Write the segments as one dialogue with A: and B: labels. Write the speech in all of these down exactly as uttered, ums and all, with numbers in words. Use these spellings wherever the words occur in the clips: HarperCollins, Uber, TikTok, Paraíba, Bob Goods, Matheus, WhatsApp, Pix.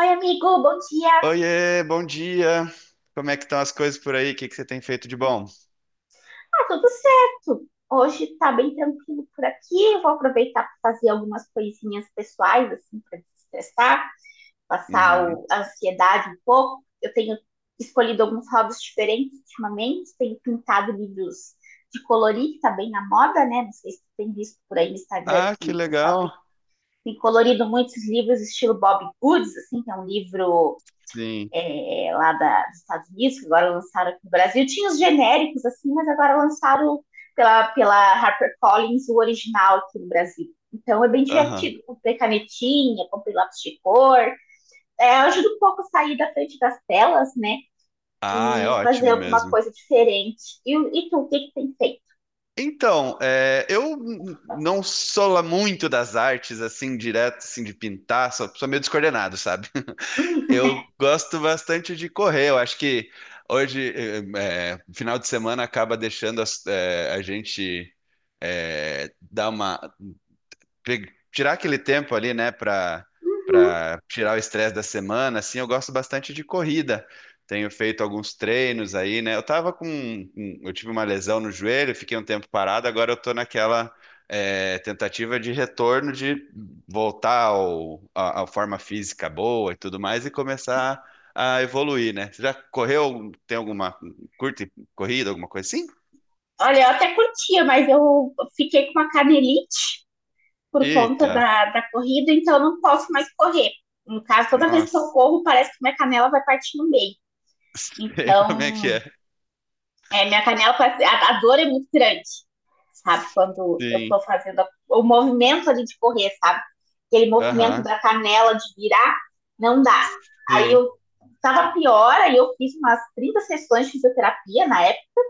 A: Oi, amigo, bom dia.
B: Oiê, bom dia. Como é que estão as coisas por aí? O que que você tem feito de bom?
A: Ah, tudo certo. Hoje tá bem tranquilo por aqui. Vou aproveitar para fazer algumas coisinhas pessoais, assim, para desestressar, passar
B: Uhum.
A: o- a ansiedade um pouco. Eu tenho escolhido alguns hobbies diferentes ultimamente. Tenho pintado livros de colorir, que tá bem na moda, né? Não sei se tu tem visto por aí no Instagram
B: Ah, que
A: que o pessoal
B: legal.
A: tem, tem colorido muitos livros estilo Bob Goods, assim, que é um livro
B: Sim.
A: é, é, lá da, dos Estados Unidos, que agora lançaram aqui no Brasil. Tinha os genéricos, assim, mas agora lançaram pela, pela HarperCollins o original aqui no Brasil. Então é bem
B: Aham.
A: divertido. Comprei canetinha, comprei lápis de cor. É, ajuda um pouco a sair da frente das telas, né?
B: Ah, é
A: E fazer
B: ótimo
A: alguma
B: mesmo.
A: coisa diferente. E, e tu, o que, que tem feito?
B: Então, é, eu n- não sou lá muito das artes, assim, direto, assim, de pintar, sou, sou meio descoordenado, sabe? Eu gosto bastante de correr, eu acho que hoje, eh, eh, final de semana, acaba deixando as- eh, a gente eh, dar uma, pe- tirar aquele tempo ali, né, para
A: Uhum.
B: para tirar o estresse da semana, assim, eu gosto bastante de corrida. Tenho feito alguns treinos aí, né? Eu tava com, um- um, eu tive uma lesão no joelho, fiquei um tempo parado, agora eu tô naquela é, tentativa de retorno de voltar ao, à, à forma física boa e tudo mais e começar a evoluir, né? Você já correu, tem alguma curta corrida, alguma coisa assim?
A: Olha, eu até curtia, mas eu fiquei com uma canelite por conta
B: Eita,
A: da, da corrida, então eu não posso mais correr. No caso, toda vez que eu
B: nossa,
A: corro, parece que minha canela vai partir no meio.
B: sei como é que
A: Então,
B: é.
A: é, minha canela, parece- a, a dor é muito grande, sabe? Quando eu
B: Sim.
A: tô fazendo a- o movimento ali de correr, sabe? Aquele movimento
B: Aham,
A: da canela de virar, não dá. Aí
B: sim.
A: eu tava pior, aí eu fiz umas trinta sessões de fisioterapia na época,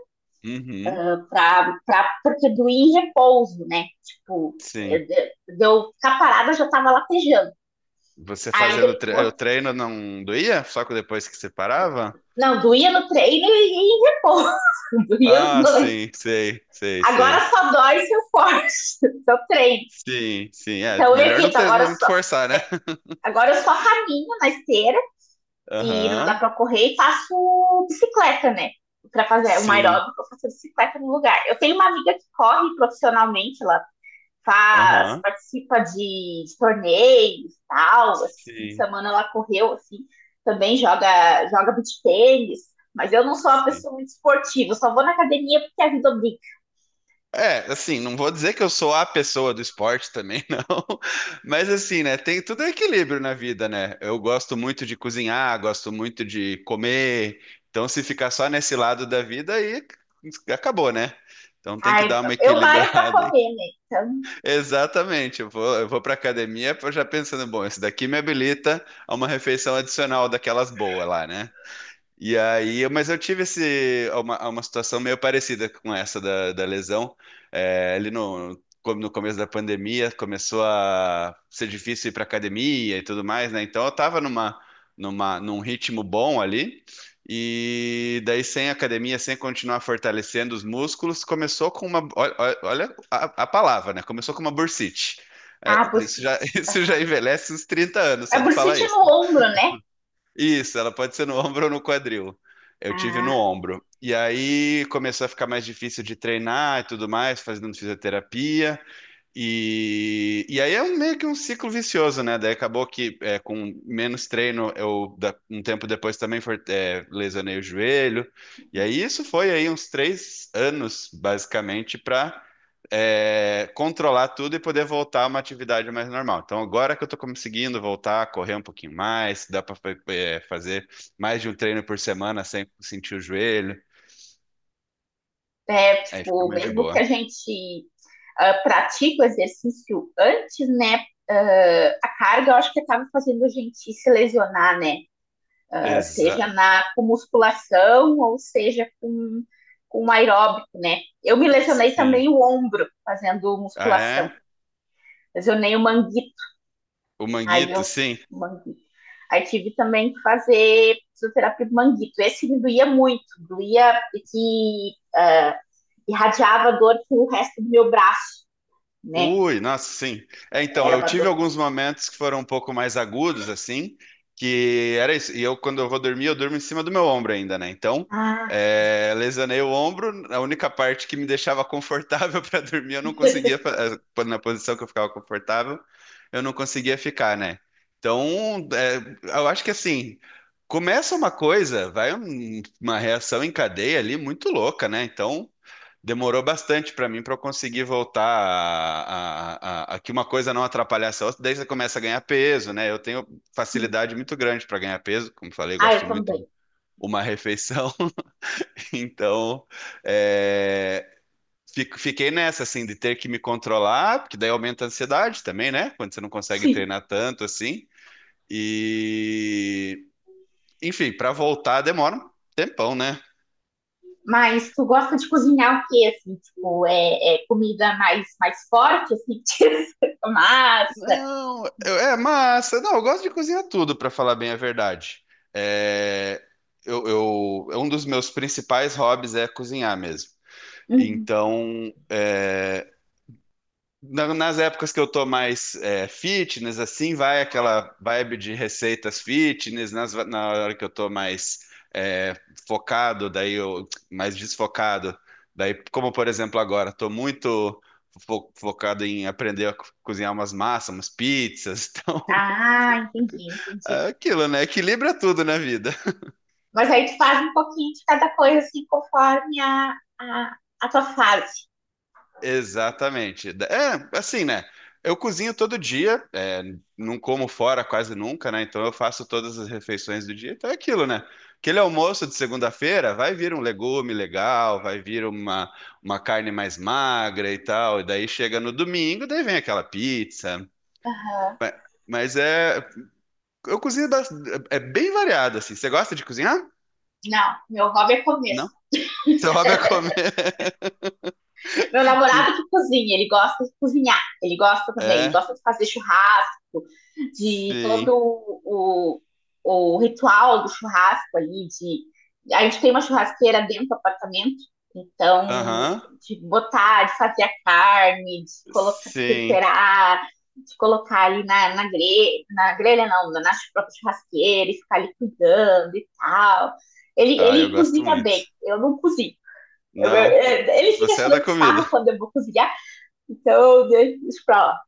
B: Uhum,
A: pra, pra, porque doía em repouso, né? Tipo, é,
B: sim.
A: é, deu eu- ficar parada, eu já tava latejando.
B: Você
A: Aí
B: fazendo tre o
A: depois.
B: treino não doía? Só que depois que você parava?
A: Não, doía no treino e em repouso. Doía os
B: Ah,
A: dois.
B: sim, sei, sei,
A: Agora
B: sei.
A: só dói se eu forço, se eu treino.
B: Sim, sim. É,
A: Então eu
B: melhor não
A: evito,
B: ter,
A: agora eu
B: não
A: só.
B: forçar, né?
A: é, agora eu só caminho na esteira e não dá
B: Aham,
A: pra correr e faço bicicleta, né? Pra fazer o
B: sim.
A: aeróbico, eu faço bicicleta no lugar. Eu tenho uma amiga que corre profissionalmente, ela faz,
B: Aham,
A: participa de, de torneios, e tal, esse fim de
B: sim,
A: semana ela correu, assim, também joga, joga beach tênis, mas eu não sou uma
B: sim.
A: pessoa muito esportiva, eu só vou na academia porque a vida obriga.
B: É, assim, não vou dizer que eu sou a pessoa do esporte também, não. Mas assim, né, tem tudo é equilíbrio na vida, né? Eu gosto muito de cozinhar, gosto muito de comer. Então, se ficar só nesse lado da vida, aí acabou, né? Então tem que
A: Ai,
B: dar uma
A: eu malho pra
B: equilibrada, hein?
A: comer, né? Então,
B: Exatamente. Eu vou, eu vou para academia já pensando, bom, esse daqui me habilita a uma refeição adicional daquelas boas lá, né? E aí, eu- mas eu tive esse, uma, uma situação meio parecida com essa da, da lesão. É, ali no, como no começo da pandemia, começou a ser difícil ir para academia e tudo mais, né? Então eu estava numa, numa, num ritmo bom ali. E daí, sem academia, sem continuar fortalecendo os músculos, começou com uma. Olha, olha- a, a palavra, né? Começou com uma bursite. É,
A: ah,
B: isso
A: bursite.
B: já, isso já
A: Aham.
B: envelhece uns trinta anos,
A: A
B: só de falar
A: bursite é
B: isso.
A: no ombro, né?
B: Isso, ela pode ser no ombro ou no quadril. Eu tive no
A: Ah,
B: ombro. E aí começou a ficar mais difícil de treinar e tudo mais, fazendo fisioterapia. E, e aí é um- meio que um ciclo vicioso, né? Daí acabou que é, com menos treino, eu da- um tempo depois também for- é, lesionei o joelho. E aí isso foi aí uns três anos, basicamente, para controlar tudo e poder voltar a uma atividade mais normal. Então agora que eu tô conseguindo voltar a correr um pouquinho mais, dá para fazer mais de um treino por semana sem sentir o joelho,
A: é,
B: aí fica
A: tipo,
B: mais de
A: mesmo que a
B: boa.
A: gente ah, pratique o exercício antes, né? Ah, a carga, eu acho que acaba fazendo a gente se lesionar, né? Uh, seja
B: Exato.
A: na com musculação ou seja com, com aeróbico, né? Eu me lesionei
B: Sim.
A: também o ombro fazendo
B: Ah,
A: musculação.
B: é?
A: Lesionei o manguito,
B: O
A: aí
B: manguito,
A: eu
B: sim.
A: manguito. Aí tive também que fazer fisioterapia do manguito. Esse me doía muito, doía que uh, irradiava dor pro resto do meu braço, né?
B: Ui, nossa, sim. É, então,
A: Era
B: eu
A: uma
B: tive
A: dor.
B: alguns momentos que foram um pouco mais agudos, assim, que era isso. E eu, quando eu vou dormir, eu durmo em cima do meu ombro ainda, né? Então,
A: Ah, sim.
B: é, lesionei o ombro, a única parte que me deixava confortável para dormir, eu não conseguia, fa- eh, na posição que eu ficava confortável, eu não conseguia ficar, né? Então, é, eu acho que assim, começa uma coisa, vai um- uma reação em cadeia ali muito louca, né? Então. Demorou bastante para mim para eu conseguir voltar a, a- a- a que uma coisa não atrapalhasse a outra. Daí você começa a ganhar peso, né? Eu tenho
A: Sim.
B: facilidade muito grande para ganhar peso, como falei,
A: Ah,
B: gosto
A: eu
B: muito de
A: também.
B: uma refeição. Então, é, fico- fiquei nessa, assim, de ter que me controlar, porque daí aumenta a ansiedade também, né? Quando você não consegue
A: Sim.
B: treinar tanto assim. E, enfim, para voltar demora um tempão, né?
A: Mas tu gosta de cozinhar o quê, assim? Tipo, é, é comida mais, mais forte, assim, tipo massa?
B: Não, eu- é massa. Não, eu gosto de cozinhar tudo, pra falar bem a verdade. É, eu, eu- um dos meus principais hobbies é cozinhar mesmo.
A: Uhum.
B: Então, é, na- Nas épocas que eu tô mais é, fitness, assim, vai aquela vibe de receitas fitness. Nas, na hora que eu tô mais é, focado, daí eu mais desfocado. Daí, como por exemplo agora, tô muito fo- focado em aprender a co- cozinhar umas massas, umas pizzas.
A: Ah, entendi,
B: Então,
A: entendi.
B: é aquilo, né? Equilibra tudo na vida.
A: Mas aí tu faz um pouquinho de cada coisa, assim, conforme a, a, a tua fase.
B: Exatamente. É, assim, né? Eu cozinho todo dia, é, não como fora quase nunca, né? Então eu faço todas as refeições do dia. Então é aquilo, né? Aquele almoço de segunda-feira vai vir um legume legal, vai vir uma, uma carne mais magra e tal. E daí chega no domingo, daí vem aquela pizza.
A: Aham.
B: Mas, mas é. Eu cozinho, bas- é bem variado, assim. Você gosta de cozinhar?
A: Não, meu hobby é comer.
B: Não. Seu hobby é comer.
A: Meu
B: Que-
A: namorado que cozinha, ele gosta de cozinhar, ele gosta também,
B: É,
A: gosta de fazer churrasco, de
B: sim.
A: todo o, o ritual do churrasco ali, de a gente tem uma churrasqueira dentro do apartamento, então
B: Aham.
A: de botar, de fazer a carne, de colocar, de
B: Sim.
A: temperar, de colocar ali na, na grelha, na grelha não, na própria churrasqueira e ficar ali cuidando e tal. Ele,
B: Ah, eu
A: ele
B: gosto
A: cozinha bem,
B: muito.
A: eu não cozinho. Eu- eu-
B: Não,
A: eu- ele fica
B: você é da
A: tirando
B: comida.
A: sarro quando eu vou cozinhar, então eu deixo isso pra lá.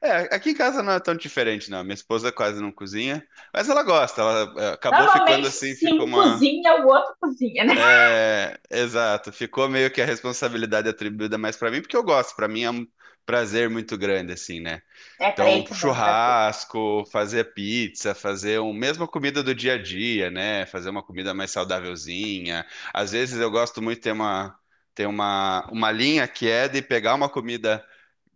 B: É, aqui em casa não é tão diferente, não. Minha esposa quase não cozinha, mas ela gosta. Ela eh, acabou ficando
A: Normalmente,
B: assim,
A: se
B: ficou
A: um
B: uma.
A: cozinha, o outro cozinha, né?
B: É, exato. Ficou meio que a responsabilidade atribuída mais pra mim, porque eu gosto. Pra mim é um prazer muito grande, assim, né?
A: É, pra
B: Então, um
A: ele também é um prazer.
B: churrasco, fazer pizza, fazer um, mesmo a comida do dia a dia, né? Fazer uma comida mais saudávelzinha. Às vezes eu gosto muito de ter uma, ter uma, uma linha que é de pegar uma comida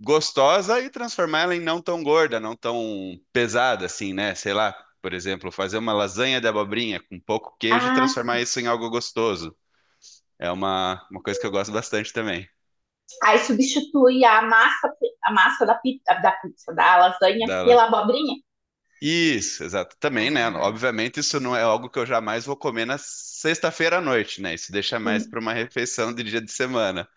B: gostosa e transformar ela em não tão gorda, não tão pesada assim, né? Sei lá, por exemplo, fazer uma lasanha de abobrinha com pouco queijo e
A: Ah,
B: transformar
A: sim.
B: isso em algo gostoso. É uma, uma coisa que eu gosto bastante também.
A: Aí substitui a massa, a massa da pizza, da pizza, da lasanha
B: Da
A: pela abobrinha.
B: Isso, exato. Também, né?
A: Ah,
B: Obviamente, isso não é algo que eu jamais vou comer na sexta-feira à noite, né? Isso deixa mais
A: sim,
B: para uma refeição de dia de semana.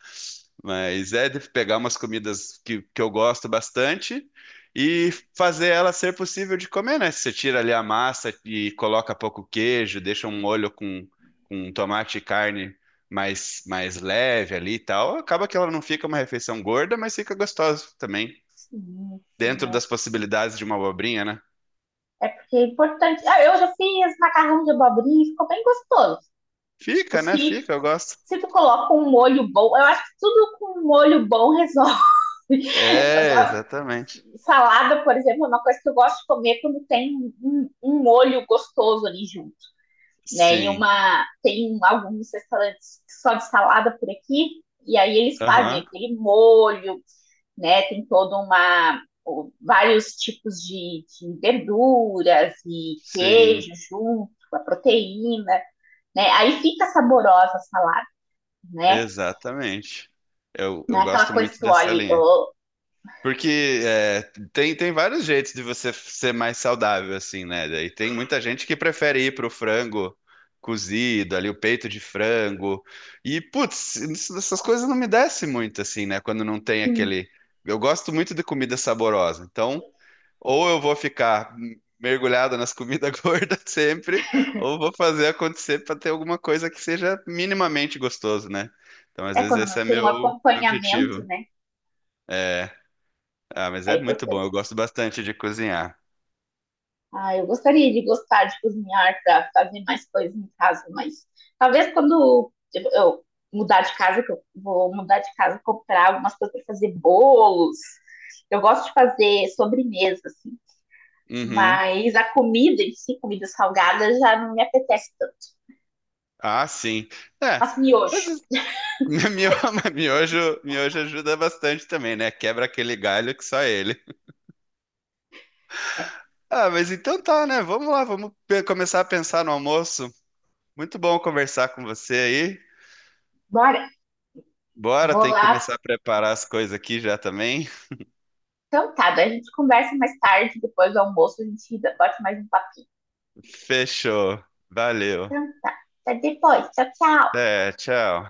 B: Mas é de pegar umas comidas que, que eu gosto bastante e fazer ela ser possível de comer, né? Você tira ali a massa e coloca pouco queijo, deixa um molho com, com tomate e carne mais, mais leve ali e tal. Acaba que ela não fica uma refeição gorda, mas fica gostosa também,
A: sim, sim.
B: dentro das possibilidades de uma abobrinha, né?
A: É, é porque é importante. Ah, eu já fiz macarrão de abobrinha e ficou bem gostoso. Tipo,
B: Fica, né?
A: se,
B: Fica, eu gosto.
A: se tu coloca um molho bom, eu acho que tudo com um molho bom resolve. Eu,
B: É, exatamente.
A: Salada, por exemplo, é uma coisa que eu gosto de comer quando tem um, um um molho gostoso ali junto, né? E
B: Sim.
A: uma tem alguns restaurantes só de salada por aqui, e aí eles
B: Aham.
A: fazem aquele molho, né? Tem toda uma vários tipos de, de verduras e
B: Sim,
A: queijo junto, a proteína, né? Aí fica saborosa a salada, né?
B: exatamente. Eu,
A: Não
B: eu
A: é aquela
B: gosto
A: coisa que
B: muito
A: tu
B: dessa
A: olha,
B: linha.
A: oh,
B: Porque é, tem, tem vários jeitos de você ser mais saudável, assim, né? E tem muita gente que prefere ir pro frango cozido, ali o peito de frango. E, putz, isso- essas coisas não me descem muito, assim, né? Quando não tem
A: sim.
B: aquele. Eu gosto muito de comida saborosa. Então, ou eu vou ficar mergulhado nas comidas gordas sempre, ou vou fazer acontecer para ter alguma coisa que seja minimamente gostoso, né? Então, às
A: É
B: vezes,
A: quando
B: esse
A: não
B: é
A: tem um
B: meu, meu
A: acompanhamento,
B: objetivo.
A: né?
B: É, ah, mas
A: É
B: é muito bom,
A: importante.
B: eu gosto bastante de cozinhar.
A: Ah, eu gostaria de gostar de cozinhar para fazer mais coisas em casa, mas talvez quando eu eu mudar de casa, que eu vou mudar de casa, comprar algumas coisas para fazer bolos. Eu gosto de fazer sobremesa, assim,
B: Uhum.
A: mas a comida em si, comida salgada, já não me apetece tanto.
B: Ah, sim. É,
A: Faço
B: mas
A: miojo.
B: es- mio- miojo, miojo ajuda bastante também, né? Quebra aquele galho que só ele. Ah, mas então tá, né? Vamos lá, vamos pe- começar a pensar no almoço. Muito bom conversar com você aí.
A: Bora,
B: Bora,
A: vou
B: tem que
A: lá.
B: começar a preparar as coisas aqui já também.
A: Então tá, daí a gente conversa mais tarde, depois do almoço, a gente bota mais um papinho.
B: Fechou. Valeu.
A: Então, até depois. Tchau, tchau.
B: É, tchau.